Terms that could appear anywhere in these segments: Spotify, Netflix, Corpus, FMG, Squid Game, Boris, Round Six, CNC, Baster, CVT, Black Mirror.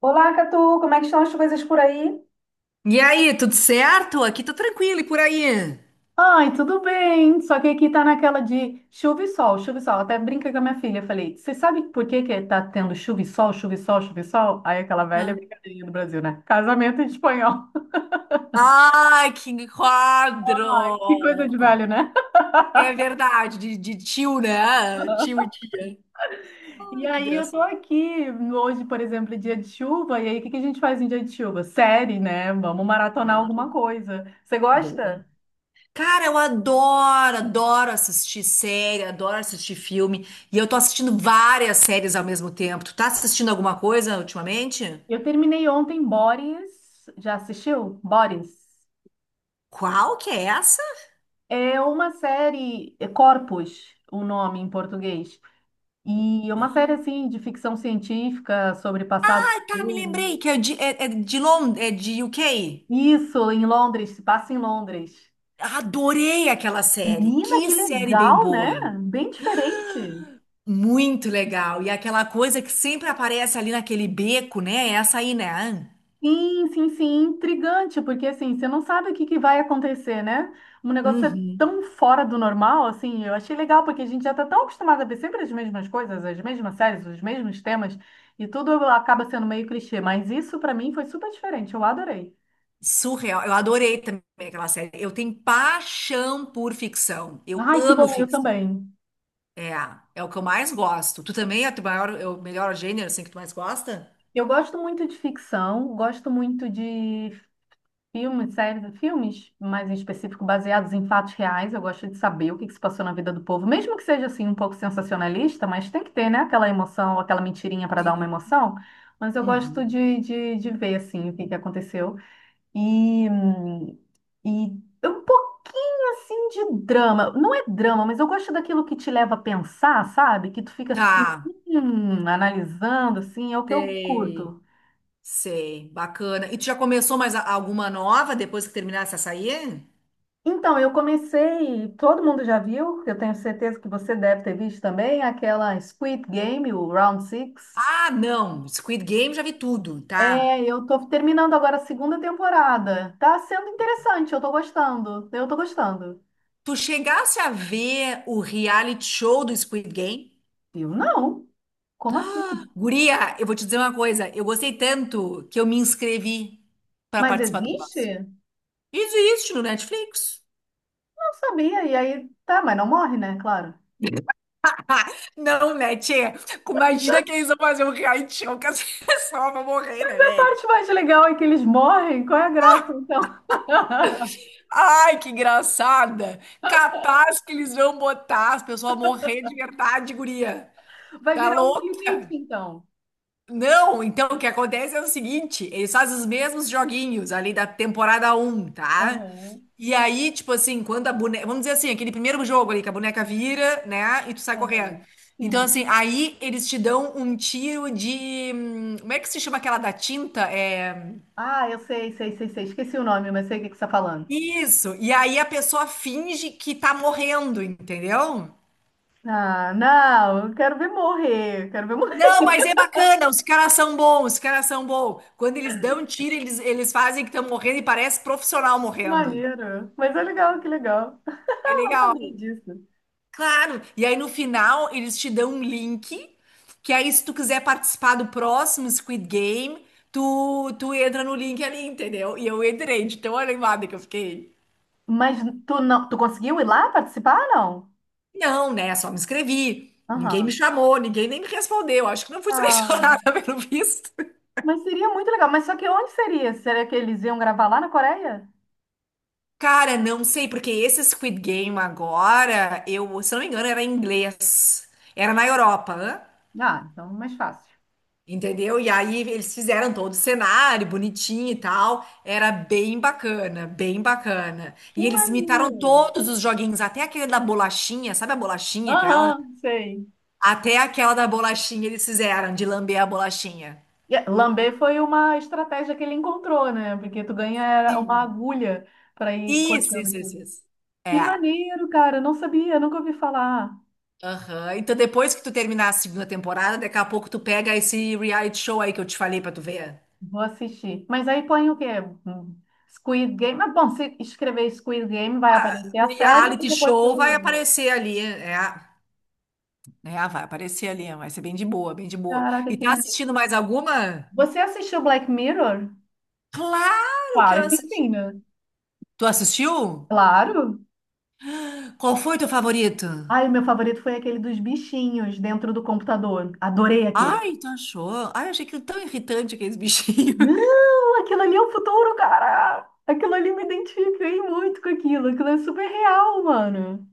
Olá, Catu, como é que estão as coisas por aí? E aí, tudo certo? Aqui tô tranquilo e por aí? Ai, tudo bem, só que aqui tá naquela de chuva e sol, chuva e sol. Até brinca com a minha filha, falei, você sabe por que que tá tendo chuva e sol, chuva e sol, chuva e sol? Aí aquela velha Ah. brincadeirinha do Brasil, né? Casamento em espanhol. Ai, que quadro! Que coisa de velho, né? É verdade, de tio, né? Tio e tia. E Ai, que aí eu tô engraçado. aqui, hoje, por exemplo, é dia de chuva, e aí o que que a gente faz em dia de chuva? Série, né? Vamos maratonar alguma Claro. coisa. Você Boa. gosta? Cara, eu adoro assistir série, adoro assistir filme. E eu tô assistindo várias séries ao mesmo tempo. Tu tá assistindo alguma coisa ultimamente? Eu terminei ontem Boris, já assistiu? Boris? Qual que é essa? É uma série, é Corpus, o nome em português. E é uma série Ah, assim de ficção científica sobre passado e tá, me futuro. lembrei que é de Londres, é de UK. Isso, em Londres, se passa em Londres. Adorei aquela série. Menina, Que que série bem legal, né? boa. Bem diferente. Muito legal. E aquela coisa que sempre aparece ali naquele beco, né? É essa aí, né? Sim, sim, sim, intrigante, porque assim, você não sabe o que que vai acontecer, né? Um negócio é Uhum. tão fora do normal, assim, eu achei legal, porque a gente já tá tão acostumado a ver sempre as mesmas coisas, as mesmas séries, os mesmos temas, e tudo acaba sendo meio clichê, mas isso pra mim foi super diferente, eu adorei. Surreal. Eu adorei também aquela série. Eu tenho paixão por ficção. Eu Ai, que amo bom, eu ficção. também. É, é o que eu mais gosto. Tu também é o teu maior, é o melhor gênero assim que tu mais gosta? Eu gosto muito de ficção, gosto muito de filmes, séries, filmes mais em específico baseados em fatos reais. Eu gosto de saber o que que se passou na vida do povo, mesmo que seja assim um pouco sensacionalista, mas tem que ter, né, aquela emoção, aquela mentirinha para dar uma Sim. emoção. Mas eu gosto Uhum. de ver assim o que que aconteceu e hum, e um pouquinho assim de drama. Não é drama, mas eu gosto daquilo que te leva a pensar, sabe? Que tu fica assim Tá. Analisando, assim, é o que eu Sei. curto. Sei. Bacana. E tu já começou mais alguma nova depois que terminasse essa aí? Então, eu comecei, todo mundo já viu, eu tenho certeza que você deve ter visto também, aquela Squid Game, o Round Six. Ah, não. Squid Game já vi tudo, É, tá? eu tô terminando agora a segunda temporada. Tá sendo interessante, eu tô gostando. Eu tô gostando. Tu chegasse a ver o reality show do Squid Game? Eu não. Como assim? Guria, eu vou te dizer uma coisa. Eu gostei tanto que eu me inscrevi para Mas participar do próximo. existe? Isso existe no Netflix. Não sabia. E aí, tá, mas não morre, né? Claro. Não, né, tchê? Imagina que eles vão fazer um reality show que as pessoas vão morrer, né, A velho? parte mais legal é que eles morrem. Qual é a graça, então? Ai, que engraçada! Capaz que eles vão botar as pessoas a morrer de verdade, guria. Vai Tá virar um limite, louca? então. Não, então o que acontece é o seguinte, eles fazem os mesmos joguinhos ali da temporada um, tá? Aham, E aí, tipo assim, quando a boneca, vamos dizer assim, aquele primeiro jogo ali que a boneca vira, né, e tu sai correndo. aham. Então Sim. assim, aí eles te dão um tiro de, como é que se chama aquela da tinta? É Ah, eu sei, sei, sei, sei. Esqueci o nome, mas sei o que que você está falando. isso. E aí a pessoa finge que tá morrendo, entendeu? Ah, não, eu quero ver morrer. Eu Quero ver morrer. Não, mas é bacana, os caras são bons, os caras são bons. Quando eles dão tiro, eles fazem que estão morrendo e parece profissional Que morrendo. maneiro. Mas é legal, que legal. É Eu não legal. sabia disso. Claro. E aí no final eles te dão um link, que aí se tu quiser participar do próximo Squid Game, tu entra no link ali, entendeu? E eu entrei de tão animada que eu fiquei. Mas tu não, tu conseguiu ir lá participar, não? Não, né? Só me inscrevi. Ninguém me Aham. chamou, ninguém nem me respondeu. Acho que não fui Ah, selecionada pelo visto. mas seria muito legal. Mas só que onde seria? Será que eles iam gravar lá na Coreia? Cara, não sei, porque esse Squid Game agora, eu, se não me engano, era em inglês. Era na Europa, hã? Ah, então mais fácil. Entendeu? E aí eles fizeram todo o cenário bonitinho e tal. Era bem bacana, bem bacana. Que E eles imitaram maneiro. todos os joguinhos, até aquele da bolachinha, sabe a bolachinha aquela? Aham, sei. Até aquela da bolachinha eles fizeram, de lamber a bolachinha. E, é, lamber foi uma estratégia que ele encontrou, né? Porque tu ganha uma Sim. agulha para ir Isso, cortando isso, isso, aqui. isso. Que É. maneiro, cara. Não sabia, nunca ouvi falar. Aham. Então depois que tu terminar a segunda temporada, daqui a pouco tu pega esse reality show aí que eu te falei pra tu ver. Vou assistir. Mas aí põe o quê? Hum, Squid Game. Mas bom, se escrever Squid Game, vai aparecer O a série e reality depois show o vai game. aparecer ali, é, né? Ah, vai aparecer ali, vai ser bem de boa, bem de boa. Caraca, E que tá maneiro. assistindo mais alguma? Você assistiu Black Mirror? Claro que eu Claro que sim, assisti. né? Tu assistiu? Claro. Qual foi teu favorito? Ai, o meu favorito foi aquele dos bichinhos dentro do computador. Adorei aquele. Ai, tu achou? Ai, eu achei aquilo tão irritante aqueles bichinhos. Não, aquilo ali é o futuro, cara. Aquilo ali me identifiquei muito com aquilo. Aquilo é super real, mano.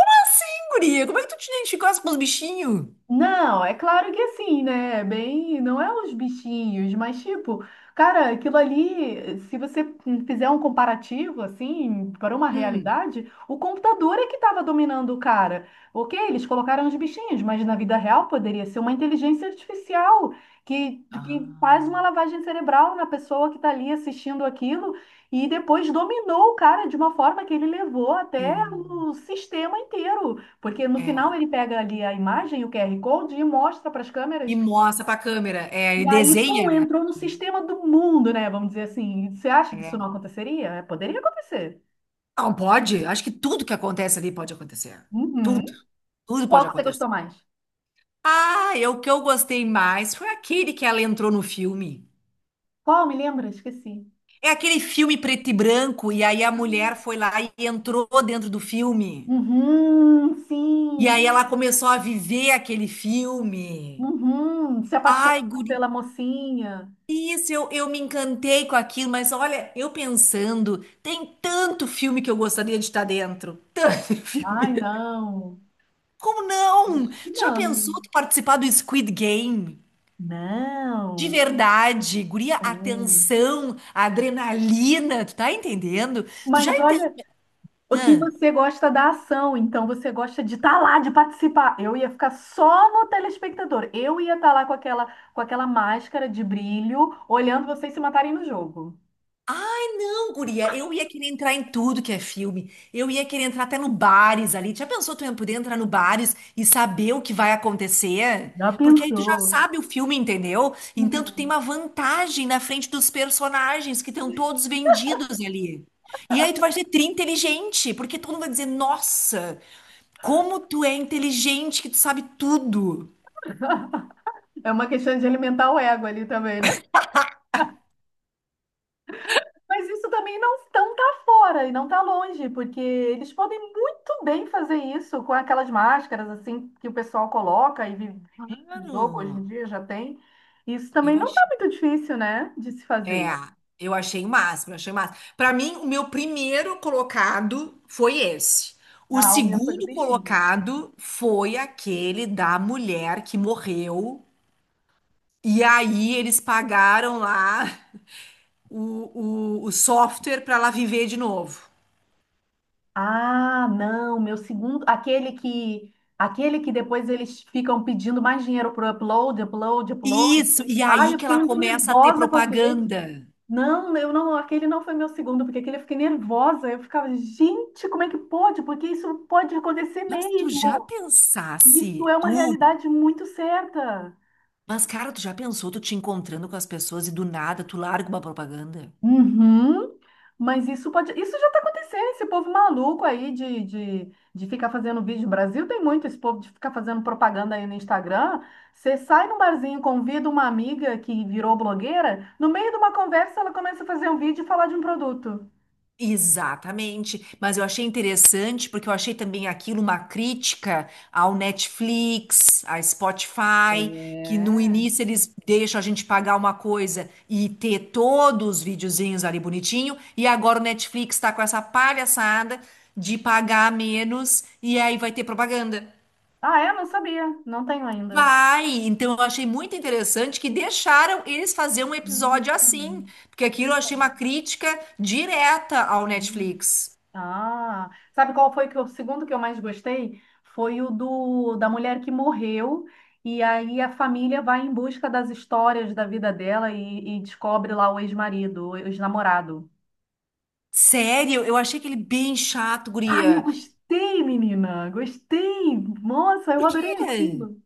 Assim, guria, como é que tu te identificasse com os bichinhos? Não, é claro que assim, né? Bem, não é os bichinhos, mas tipo, cara, aquilo ali, se você fizer um comparativo assim para uma Hum. realidade, o computador é que estava dominando o cara. Ok, eles colocaram os bichinhos, mas na vida real poderia ser uma inteligência artificial que, que faz uma Ah, lavagem cerebral na pessoa que está ali assistindo aquilo e depois dominou o cara de uma forma que ele levou até sim. o sistema inteiro. Porque no É. final ele pega ali a imagem, o QR Code, e mostra para as E câmeras. mostra pra câmera. É, e E aí, pum, desenha, né? entrou no sistema do mundo, né? Vamos dizer assim. Você acha que isso não É. aconteceria? É, poderia acontecer. Não, pode. Acho que tudo que acontece ali pode acontecer. Tudo. Uhum. Tudo pode Qual que você gostou acontecer. mais? Ah, o que eu gostei mais foi aquele que ela entrou no filme. Qual? Me lembra? Esqueci. É aquele filme preto e branco, e aí a mulher foi lá e entrou dentro do filme. Uhum, E sim. aí ela começou a viver aquele filme. Uhum. Se apaixona Ai, guri, pela mocinha. isso, eu me encantei com aquilo, mas olha, eu pensando, tem tanto filme que eu gostaria de estar dentro. Tanto filme. Ai, não. Como não? Acho que Tu já pensou não. tu participar do Squid Game? De Não. verdade, guria, a Não. tensão, a adrenalina, tu tá entendendo? Tu já Mas olha, o que entendeu? você gosta da ação, então você gosta de estar lá, de participar. Eu ia ficar só no telespectador. Eu ia estar lá com aquela máscara de brilho, olhando vocês se matarem no jogo. Não, guria, eu ia querer entrar em tudo que é filme. Eu ia querer entrar até no bares ali. Já pensou tu ia poder entrar no bares e saber o que vai acontecer? Já Porque aí tu já pensou? sabe o filme, entendeu? Então tu tem Uhum. uma vantagem na frente dos personagens que estão todos vendidos ali. E aí tu vai ser tri inteligente, porque todo mundo vai dizer, nossa, como tu é inteligente, que tu sabe tudo. É uma questão de alimentar o ego ali também, né? Mas isso também não, não tá fora e não tá longe, porque eles podem muito bem fazer isso com aquelas máscaras assim que o pessoal coloca e vive vive o jogo hoje em Claro. dia já tem. Isso também Eu não tá achei. muito difícil, né, de se É, fazer. eu achei o máximo, eu achei o máximo. Para mim, o meu primeiro colocado foi esse. O Ah, o meu foi do segundo bichinho. colocado foi aquele da mulher que morreu. E aí eles pagaram lá o software para ela viver de novo. Ah, não, meu segundo, aquele que depois eles ficam pedindo mais dinheiro pro upload, upload, upload. Isso, e Ai, aí eu que fiquei ela muito começa a ter nervosa com aquele. propaganda. Não, eu não, aquele não foi meu segundo, porque aquele eu fiquei nervosa. Eu ficava, gente, como é que pode? Porque isso pode acontecer Mas tu mesmo. já Isso pensasse, é uma tu? realidade muito certa. Mas, cara, tu já pensou tu te encontrando com as pessoas e do nada tu larga uma propaganda? Uhum. Mas isso pode, isso já está acontecendo, esse povo maluco aí de ficar fazendo vídeo. O Brasil tem muito esse povo de ficar fazendo propaganda aí no Instagram. Você sai num barzinho, convida uma amiga que virou blogueira, no meio de uma conversa ela começa a fazer um vídeo e falar de um produto. Exatamente. Mas eu achei interessante porque eu achei também aquilo uma crítica ao Netflix, à Spotify, que no É. início eles deixam a gente pagar uma coisa e ter todos os videozinhos ali bonitinho, e agora o Netflix está com essa palhaçada de pagar menos e aí vai ter propaganda. Ah, é? Não sabia. Não tenho ainda. Vai! Então eu achei muito interessante que deixaram eles fazer um Hum, episódio assim, porque aquilo eu achei uma Interessante. crítica direta ao Netflix. Ah, sabe qual foi que o segundo que eu mais gostei? Foi o do da mulher que morreu e aí a família vai em busca das histórias da vida dela e descobre lá o ex-marido, o ex-namorado. Sério, eu achei aquele bem chato, Ai, eu guria. gostei, menina, gostei. Nossa, eu Por adorei quê? aquilo.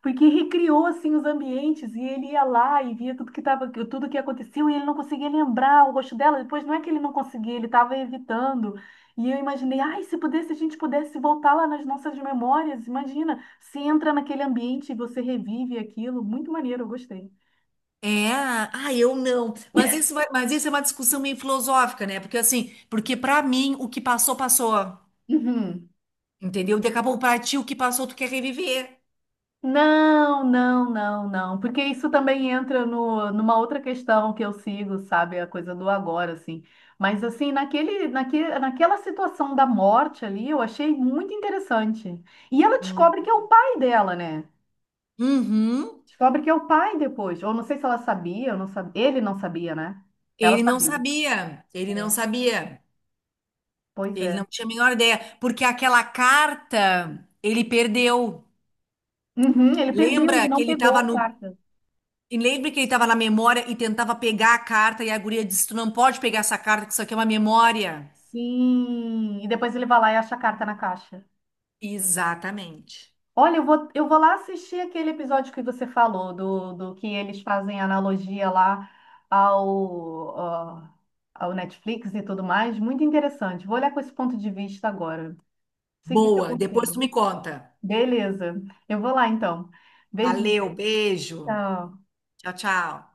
Porque recriou assim os ambientes e ele ia lá e via tudo que tava, tudo que aconteceu e ele não conseguia lembrar o rosto dela. Depois não é que ele não conseguia, ele estava evitando. E eu imaginei, ai, se pudesse, a gente pudesse voltar lá nas nossas memórias, imagina, se entra naquele ambiente e você revive aquilo, muito maneiro, eu gostei. É, ah, eu não. Mas isso vai, mas isso é uma discussão meio filosófica, né? Porque assim, porque pra mim o que passou, passou. Uhum. Entendeu? Daqui a pouco pra ti o que passou, tu quer reviver. Não, não, não, não, porque isso também entra no, numa outra questão que eu sigo, sabe, a coisa do agora, assim. Mas assim, naquela situação da morte ali, eu achei muito interessante. E ela Hum. descobre que é o pai dela, né? Uhum. Descobre que é o pai depois. Ou não sei se ela sabia, ou não sabia. Ele não sabia, né? Ela Ele não sabia. sabia. Ele não É, sabia. pois Ele é. não tinha a menor ideia, porque aquela carta ele perdeu. Uhum, ele perdeu, ele Lembra que não ele pegou estava a no. carta. e Lembra que ele estava na memória e tentava pegar a carta e a guria disse: Tu não pode pegar essa carta, que isso aqui é uma memória. Sim. E depois ele vai lá e acha a carta na caixa. Exatamente. Olha, eu vou lá assistir aquele episódio que você falou, do que eles fazem analogia lá ao, ah, ao Netflix e tudo mais. Muito interessante. Vou olhar com esse ponto de vista agora. Seguir seu Boa, depois tu conselho. me conta. Beleza. Eu vou lá então. Beijinho. Valeu, beijo. Tchau. Tchau, tchau.